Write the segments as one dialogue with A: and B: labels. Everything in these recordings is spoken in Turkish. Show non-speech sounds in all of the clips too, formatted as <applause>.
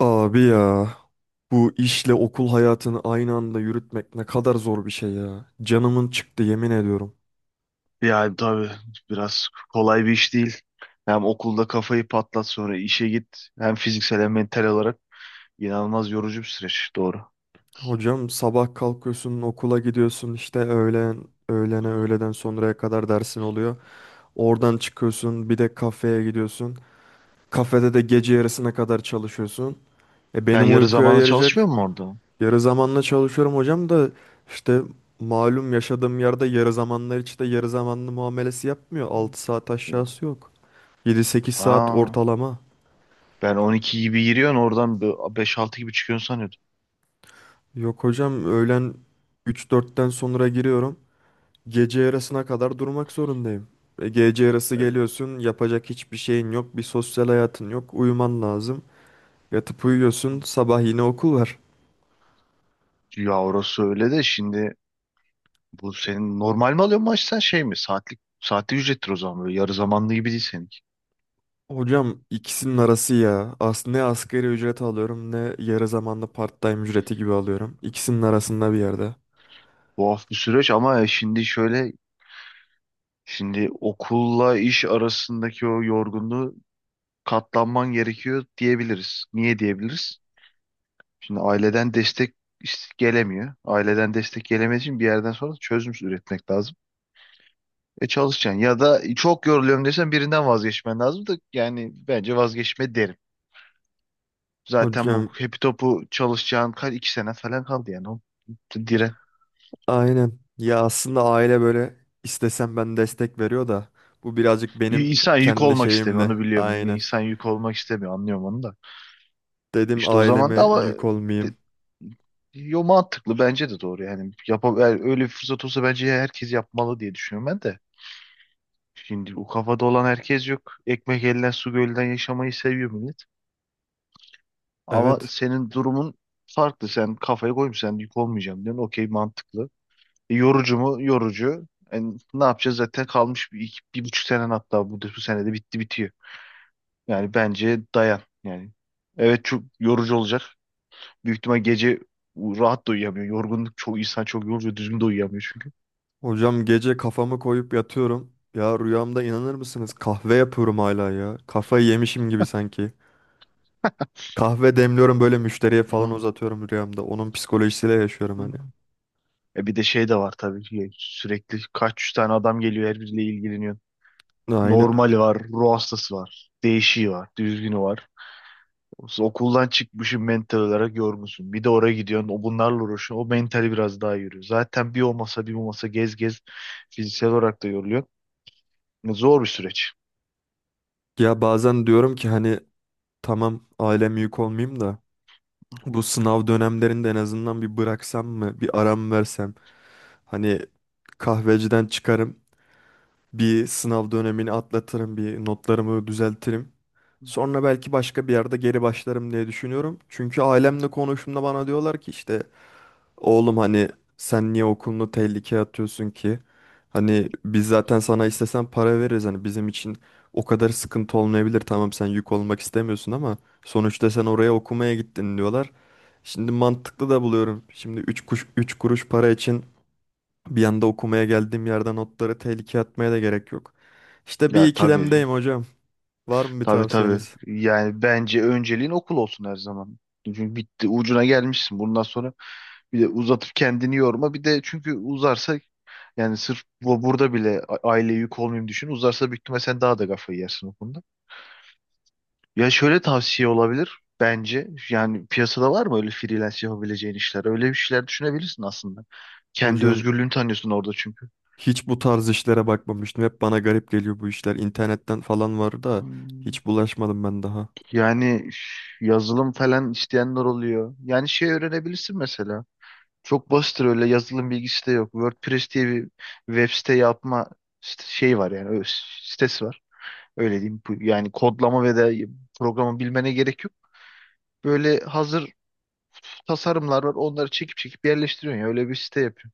A: Abi ya, bu işle okul hayatını aynı anda yürütmek ne kadar zor bir şey ya. Canımın çıktı, yemin ediyorum.
B: Yani tabii biraz kolay bir iş değil. Hem okulda kafayı patlat sonra işe git. Hem fiziksel hem mental olarak inanılmaz yorucu bir süreç. Doğru.
A: Hocam sabah kalkıyorsun, okula gidiyorsun, işte öğlen öğlene öğleden sonraya kadar dersin oluyor. Oradan çıkıyorsun, bir de kafeye gidiyorsun. Kafede de gece yarısına kadar çalışıyorsun. E
B: Yani
A: benim
B: yarı
A: uykuya
B: zamanlı
A: yarayacak...
B: çalışmıyor mu orada?
A: Yarı zamanla çalışıyorum hocam da işte, malum, yaşadığım yerde yarı zamanlar hiç de yarı zamanlı muamelesi yapmıyor. 6 saat aşağısı yok. 7-8 saat
B: Ha,
A: ortalama.
B: ben 12 gibi giriyorsun oradan beş altı gibi çıkıyorsun sanıyordum.
A: Yok hocam, öğlen 3-4'ten sonra giriyorum. Gece yarısına kadar durmak zorundayım. Gece yarısı
B: Ee,
A: geliyorsun, yapacak hiçbir şeyin yok. Bir sosyal hayatın yok. Uyuman lazım. Yatıp uyuyorsun, sabah yine okul var.
B: Ya orası öyle de şimdi bu senin normal mi alıyorsun maaş sen şey mi? Saatlik saatlik ücrettir o zaman, böyle yarı zamanlı gibi değil seninki.
A: Hocam ikisinin arası ya. Aslında ne asgari ücret alıyorum ne yarı zamanlı part-time ücreti gibi alıyorum. İkisinin arasında bir yerde.
B: Tuhaf bir süreç ama şimdi şöyle, şimdi okulla iş arasındaki o yorgunluğu katlanman gerekiyor diyebiliriz. Niye diyebiliriz? Şimdi aileden destek gelemiyor. Aileden destek gelemediği için bir yerden sonra çözüm üretmek lazım. E çalışacaksın ya da çok yoruluyorum desen birinden vazgeçmen lazım da yani bence vazgeçme derim. Zaten bu
A: Hocam
B: hepi topu çalışacağın iki sene falan kaldı yani. O, dire.
A: aynen. Ya aslında aile böyle, istesem ben, destek veriyor da bu birazcık benim
B: İnsan yük
A: kendi
B: olmak istemiyor,
A: şeyimle.
B: onu biliyorum.
A: Aynen.
B: İnsan yük olmak istemiyor, anlıyorum onu da.
A: Dedim
B: İşte o zaman da
A: aileme
B: ama
A: yük
B: de-
A: olmayayım.
B: yo, mantıklı, bence de doğru yani. Yap, öyle bir fırsat olsa bence herkes yapmalı diye düşünüyorum ben de. Şimdi o kafada olan herkes yok. Ekmek elden su gölden yaşamayı seviyor millet. Ama
A: Evet.
B: senin durumun farklı. Sen kafaya koymuş, sen yük olmayacağım diyorsun. Okey, mantıklı. E, yorucu mu? Yorucu. Yani ne yapacağız, zaten kalmış bir buçuk senen, hatta bu senede bitti bitiyor. Yani bence dayan yani. Evet, çok yorucu olacak. Büyük ihtimal gece rahat da uyuyamıyor. Yorgunluk, çoğu insan çok yoruluyor. Düzgün de uyuyamıyor çünkü.
A: Hocam gece kafamı koyup yatıyorum. Ya rüyamda, inanır mısınız, kahve yapıyorum hala ya. Kafayı yemişim gibi sanki. Kahve demliyorum böyle, müşteriye falan
B: Hı.
A: uzatıyorum rüyamda. Onun psikolojisiyle yaşıyorum
B: Hı.
A: hani.
B: E bir de şey de var, tabii ki sürekli kaç yüz tane adam geliyor, her biriyle ilgileniyor.
A: Aynen
B: Normali
A: öyle.
B: var, ruh hastası var, değişiği var, düzgünü var. Okuldan çıkmışsın, mental olarak yorgunsun. Bir de oraya gidiyorsun, o bunlarla uğraşıyorsun. O mentali biraz daha yürüyor. Zaten bir o masa bir bu masa gez gez fiziksel olarak da yoruluyor. Zor bir süreç.
A: Ya bazen diyorum ki hani, tamam ailem yük olmayayım da bu sınav dönemlerinde en azından bir bıraksam mı, bir aram versem. Hani kahveciden çıkarım, bir sınav dönemini atlatırım, bir notlarımı düzeltirim. Sonra belki başka bir yerde geri başlarım diye düşünüyorum. Çünkü ailemle konuştuğumda bana diyorlar ki işte, oğlum hani sen niye okulunu tehlikeye atıyorsun ki? Hani biz zaten sana istesen para veririz. Hani bizim için o kadar sıkıntı olmayabilir. Tamam sen yük olmak istemiyorsun ama sonuçta sen oraya okumaya gittin diyorlar. Şimdi mantıklı da buluyorum. Şimdi 3 kuş 3 kuruş para için bir anda okumaya geldiğim yerden notları tehlikeye atmaya da gerek yok. İşte bir
B: Ya tabii.
A: ikilemdeyim hocam. Var mı bir
B: Tabii, tabii.
A: tavsiyeniz?
B: Yani bence önceliğin okul olsun her zaman. Çünkü bitti, ucuna gelmişsin. Bundan sonra bir de uzatıp kendini yorma. Bir de çünkü uzarsa, yani sırf bu burada bile aileye yük olmayayım düşün. Uzarsa büyük ihtimalle sen daha da kafayı yersin o konuda. Ya şöyle tavsiye olabilir bence. Yani piyasada var mı öyle freelance yapabileceğin işler? Öyle bir şeyler düşünebilirsin aslında. Kendi
A: Hocam
B: özgürlüğünü tanıyorsun orada çünkü.
A: hiç bu tarz işlere bakmamıştım. Hep bana garip geliyor bu işler. İnternetten falan var da
B: Hmm.
A: hiç bulaşmadım ben daha.
B: Yani üf, yazılım falan isteyenler oluyor. Yani şey öğrenebilirsin mesela. Çok basittir, öyle yazılım bilgisi de yok. WordPress diye bir web site yapma şey var yani, sitesi var. Öyle diyeyim. Yani kodlama ve de programı bilmene gerek yok. Böyle hazır tasarımlar var. Onları çekip çekip yerleştiriyorsun ya. Öyle bir site yapıyorsun.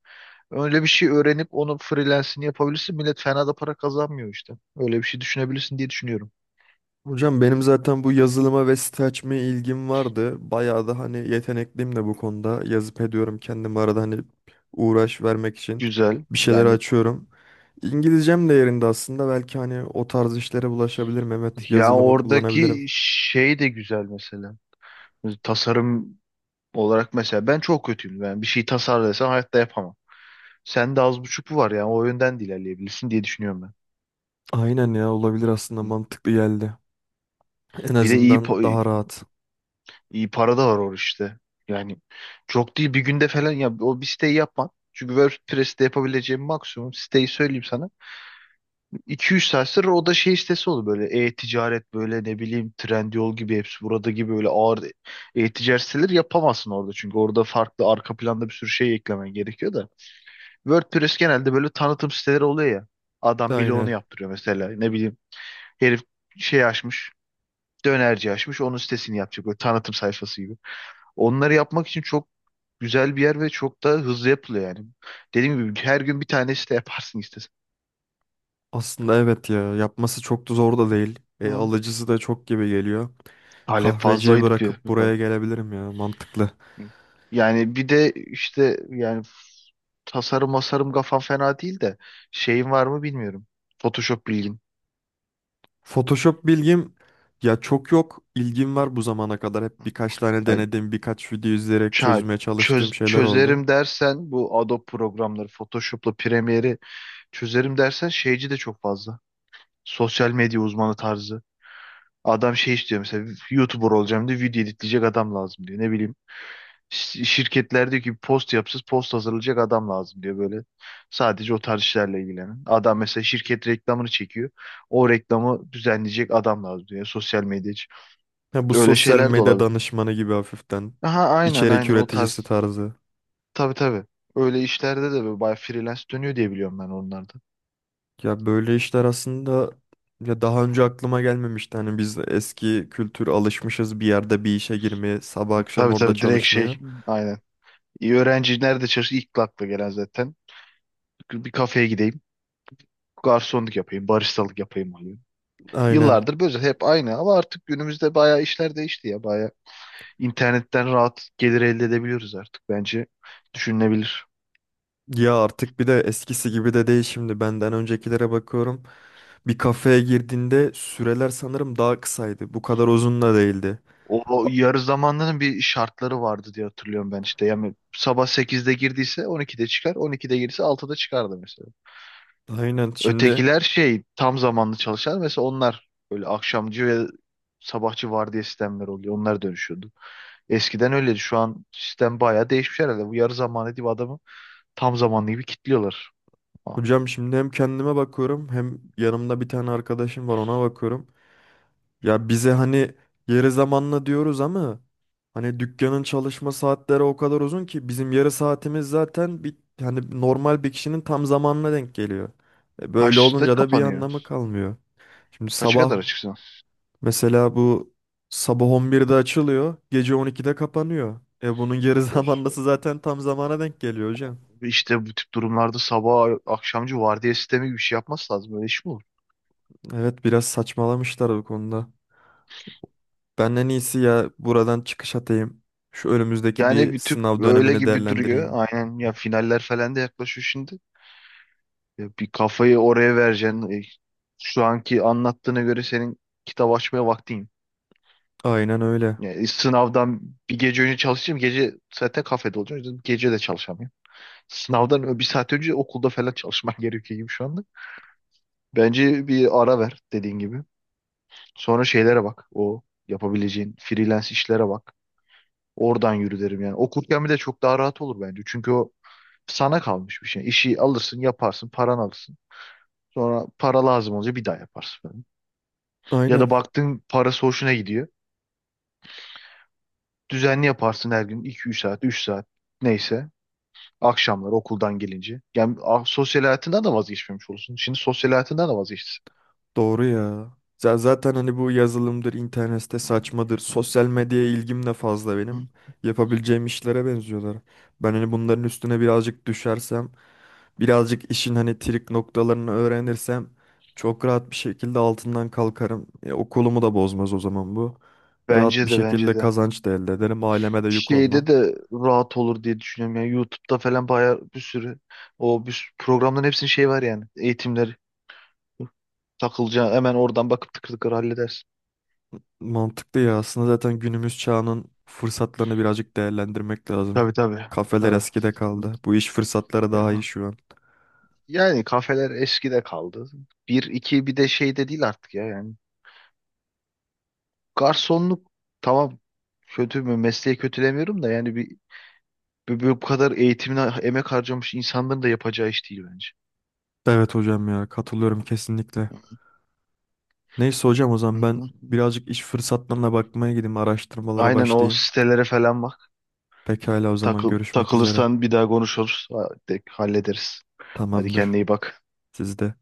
B: Öyle bir şey öğrenip onu freelance'ini yapabilirsin. Millet fena da para kazanmıyor işte. Öyle bir şey düşünebilirsin diye düşünüyorum.
A: Hocam benim zaten bu yazılıma ve site açmaya ilgim vardı. Bayağı da hani yetenekliyim de bu konuda. Yazıp ediyorum kendim arada, hani uğraş vermek için
B: Güzel.
A: bir şeyler
B: Yani
A: açıyorum. İngilizcem de yerinde aslında. Belki hani o tarz işlere bulaşabilirim. Evet,
B: ya
A: yazılımı kullanabilirim.
B: oradaki şey de güzel mesela. Tasarım olarak mesela ben çok kötüyüm. Yani bir şey tasarlasam hayatta yapamam. Sen de az buçuk bu var yani, o yönden de ilerleyebilirsin diye düşünüyorum
A: Aynen ya, olabilir, aslında
B: ben.
A: mantıklı geldi. En
B: Bir de
A: azından daha rahat.
B: iyi para da var orada işte. Yani çok değil, bir günde falan ya o bir siteyi yapman. Çünkü WordPress'te yapabileceğim maksimum siteyi söyleyeyim sana. 2 üç saat sonra o da şey sitesi oldu, böyle e-ticaret, böyle ne bileyim Trendyol gibi, hepsi burada gibi, böyle ağır e-ticaret siteleri yapamazsın orada. Çünkü orada farklı arka planda bir sürü şey eklemen gerekiyor da. WordPress genelde böyle tanıtım siteleri oluyor ya. Adam bloğunu
A: Aynen.
B: yaptırıyor mesela, ne bileyim. Herif şey açmış. Dönerci açmış. Onun sitesini yapacak. Böyle tanıtım sayfası gibi. Onları yapmak için çok güzel bir yer ve çok da hızlı yapılıyor yani. Dediğim gibi her gün bir tane site yaparsın istesen.
A: Aslında evet ya, yapması çok da zor da değil.
B: Hı.
A: Alıcısı da çok gibi geliyor.
B: Talep
A: Kahveciyi
B: fazlaydı bir.
A: bırakıp buraya gelebilirim ya, mantıklı.
B: Yani bir de işte yani tasarım masarım kafam fena değil de, şeyin var mı bilmiyorum. Photoshop bilgin.
A: Photoshop bilgim ya çok yok. İlgim var bu zamana kadar. Hep birkaç tane
B: Ay,
A: denedim, birkaç video izleyerek
B: ça-
A: çözmeye çalıştığım şeyler oldu.
B: çözerim dersen bu Adobe programları, Photoshop'la Premiere'i çözerim dersen, şeyci de çok fazla. Sosyal medya uzmanı tarzı. Adam şey istiyor mesela, YouTuber olacağım diye video editleyecek adam lazım diyor. Ne bileyim, şirketler diyor ki post yapsız, post hazırlayacak adam lazım diyor böyle. Sadece o tarz işlerle ilgilenen. Adam mesela şirket reklamını çekiyor. O reklamı düzenleyecek adam lazım diyor. Sosyal medya için.
A: Ya bu
B: Öyle
A: sosyal
B: şeyler de
A: medya
B: olabilir.
A: danışmanı gibi hafiften,
B: Aha aynen
A: içerik
B: aynen, o
A: üreticisi
B: tarz.
A: tarzı.
B: Tabii tabii. Öyle işlerde de böyle bayağı freelance dönüyor diye biliyorum ben onlarda.
A: Ya böyle işler aslında, ya daha önce aklıma gelmemişti. Hani biz de eski kültür alışmışız, bir yerde bir işe girmeye, sabah akşam
B: Tabii
A: orada
B: tabii, direkt
A: çalışmaya.
B: şey, aynen. İyi, öğrenci nerede çalışır, ilk akla gelen zaten. Bir kafeye gideyim, garsonluk yapayım, baristalık yapayım oluyor.
A: Aynen.
B: Yıllardır böyle hep aynı ama artık günümüzde bayağı işler değişti ya. Bayağı internetten rahat gelir elde edebiliyoruz artık. Bence düşünülebilir.
A: Ya artık bir de eskisi gibi de değil, şimdi benden öncekilere bakıyorum. Bir kafeye girdiğinde süreler sanırım daha kısaydı. Bu kadar uzun da değildi.
B: O, o
A: A-
B: yarı zamanlının bir şartları vardı diye hatırlıyorum ben işte. Yani sabah sekizde girdiyse 12'de çıkar, 12'de girdiyse 6'da çıkardı mesela.
A: Aynen, şimdi
B: Ötekiler şey, tam zamanlı çalışan mesela, onlar böyle akşamcı ve sabahçı vardiya sistemleri oluyor. Onlar dönüşüyordu. Eskiden öyleydi. Şu an sistem bayağı değişmiş herhalde. Bu yarı zamanlı diye adamı tam zamanlı gibi kilitliyorlar. Ha.
A: hocam şimdi hem kendime bakıyorum, hem yanımda bir tane arkadaşım var, ona bakıyorum. Ya bize hani yarı zamanlı diyoruz ama hani dükkanın çalışma saatleri o kadar uzun ki bizim yarı saatimiz zaten bir hani normal bir kişinin tam zamanına denk geliyor. Böyle
B: Kaçta
A: olunca da bir anlamı
B: kapanıyor?
A: kalmıyor. Şimdi
B: Kaça
A: sabah
B: kadar açıksın?
A: Mesela bu sabah 11'de açılıyor, gece 12'de kapanıyor. E bunun geri <laughs>
B: Oh.
A: zamanlısı zaten tam zamana denk geliyor hocam.
B: İşte bu tip durumlarda sabah akşamcı vardiya sistemi gibi bir şey yapması lazım. Öyle iş mi olur?
A: Evet, biraz saçmalamışlar bu konuda. Ben en iyisi ya buradan çıkış atayım. Şu önümüzdeki
B: Yani
A: bir
B: bir tüp
A: sınav
B: öyle
A: dönemini
B: gibi duruyor.
A: değerlendireyim.
B: Aynen ya, finaller falan da yaklaşıyor şimdi. Ya bir kafayı oraya vereceksin. E, şu anki anlattığına göre senin kitap açmaya vaktin.
A: Aynen öyle.
B: Yani sınavdan bir gece önce çalışacağım. Gece zaten kafede olacağım. O yüzden gece de çalışamıyorum. Sınavdan bir saat önce okulda falan çalışman <laughs> gerekiyor gibi şu anda. Bence bir ara ver dediğin gibi. Sonra şeylere bak. O yapabileceğin freelance işlere bak. Oradan yürü derim yani. Okurken bir de çok daha rahat olur bence. Çünkü o sana kalmış bir şey. İşi alırsın, yaparsın, paran alırsın. Sonra para lazım olunca bir daha yaparsın falan. Ya
A: Aynen.
B: da baktın, parası hoşuna gidiyor. Düzenli yaparsın her gün, iki üç saat, 3 saat neyse. Akşamlar okuldan gelince. Yani ah, sosyal hayatından da vazgeçmemiş olursun. Şimdi sosyal hayatından da vazgeçtin.
A: Doğru ya. Zaten hani bu yazılımdır, internette
B: Hı,
A: saçmadır, sosyal medyaya ilgim de fazla benim.
B: hı,
A: Yapabileceğim işlere benziyorlar. Ben hani bunların üstüne birazcık düşersem, birazcık işin hani trik noktalarını
B: hı.
A: öğrenirsem çok rahat bir şekilde altından kalkarım. Okulumu da bozmaz o zaman bu. Rahat
B: Bence
A: bir
B: de, bence
A: şekilde
B: de.
A: kazanç da elde ederim, aileme de yük
B: Şeyde
A: olmam.
B: de rahat olur diye düşünüyorum. Yani YouTube'da falan bayağı bir sürü, o bir sürü programların hepsinin şey var yani. Eğitimleri, takılacağı hemen oradan bakıp tıkır tıkır halledersin.
A: Mantıklı ya. Aslında zaten günümüz çağının fırsatlarını birazcık değerlendirmek lazım.
B: Tabii tabii.
A: Kafeler
B: Tabii.
A: eskide kaldı. Bu iş fırsatları daha iyi
B: Ya-
A: şu an.
B: Yani kafeler eskide kaldı. Bir iki bir de şey de değil artık ya yani. Garsonluk, tamam, kötü mü, mesleği kötülemiyorum da, yani bir, bu kadar eğitimine emek harcamış insanların da yapacağı iş değil bence.
A: Evet hocam, ya katılıyorum kesinlikle. Neyse hocam, o
B: Hı
A: zaman ben
B: hı.
A: birazcık iş fırsatlarına bakmaya gideyim, araştırmalara
B: Aynen, o
A: başlayayım.
B: sitelere falan bak.
A: Pekala, o zaman
B: Takıl,
A: görüşmek üzere.
B: takılırsan bir daha konuşuruz. Ha, hallederiz. Hadi kendine
A: Tamamdır.
B: iyi bak.
A: Siz de.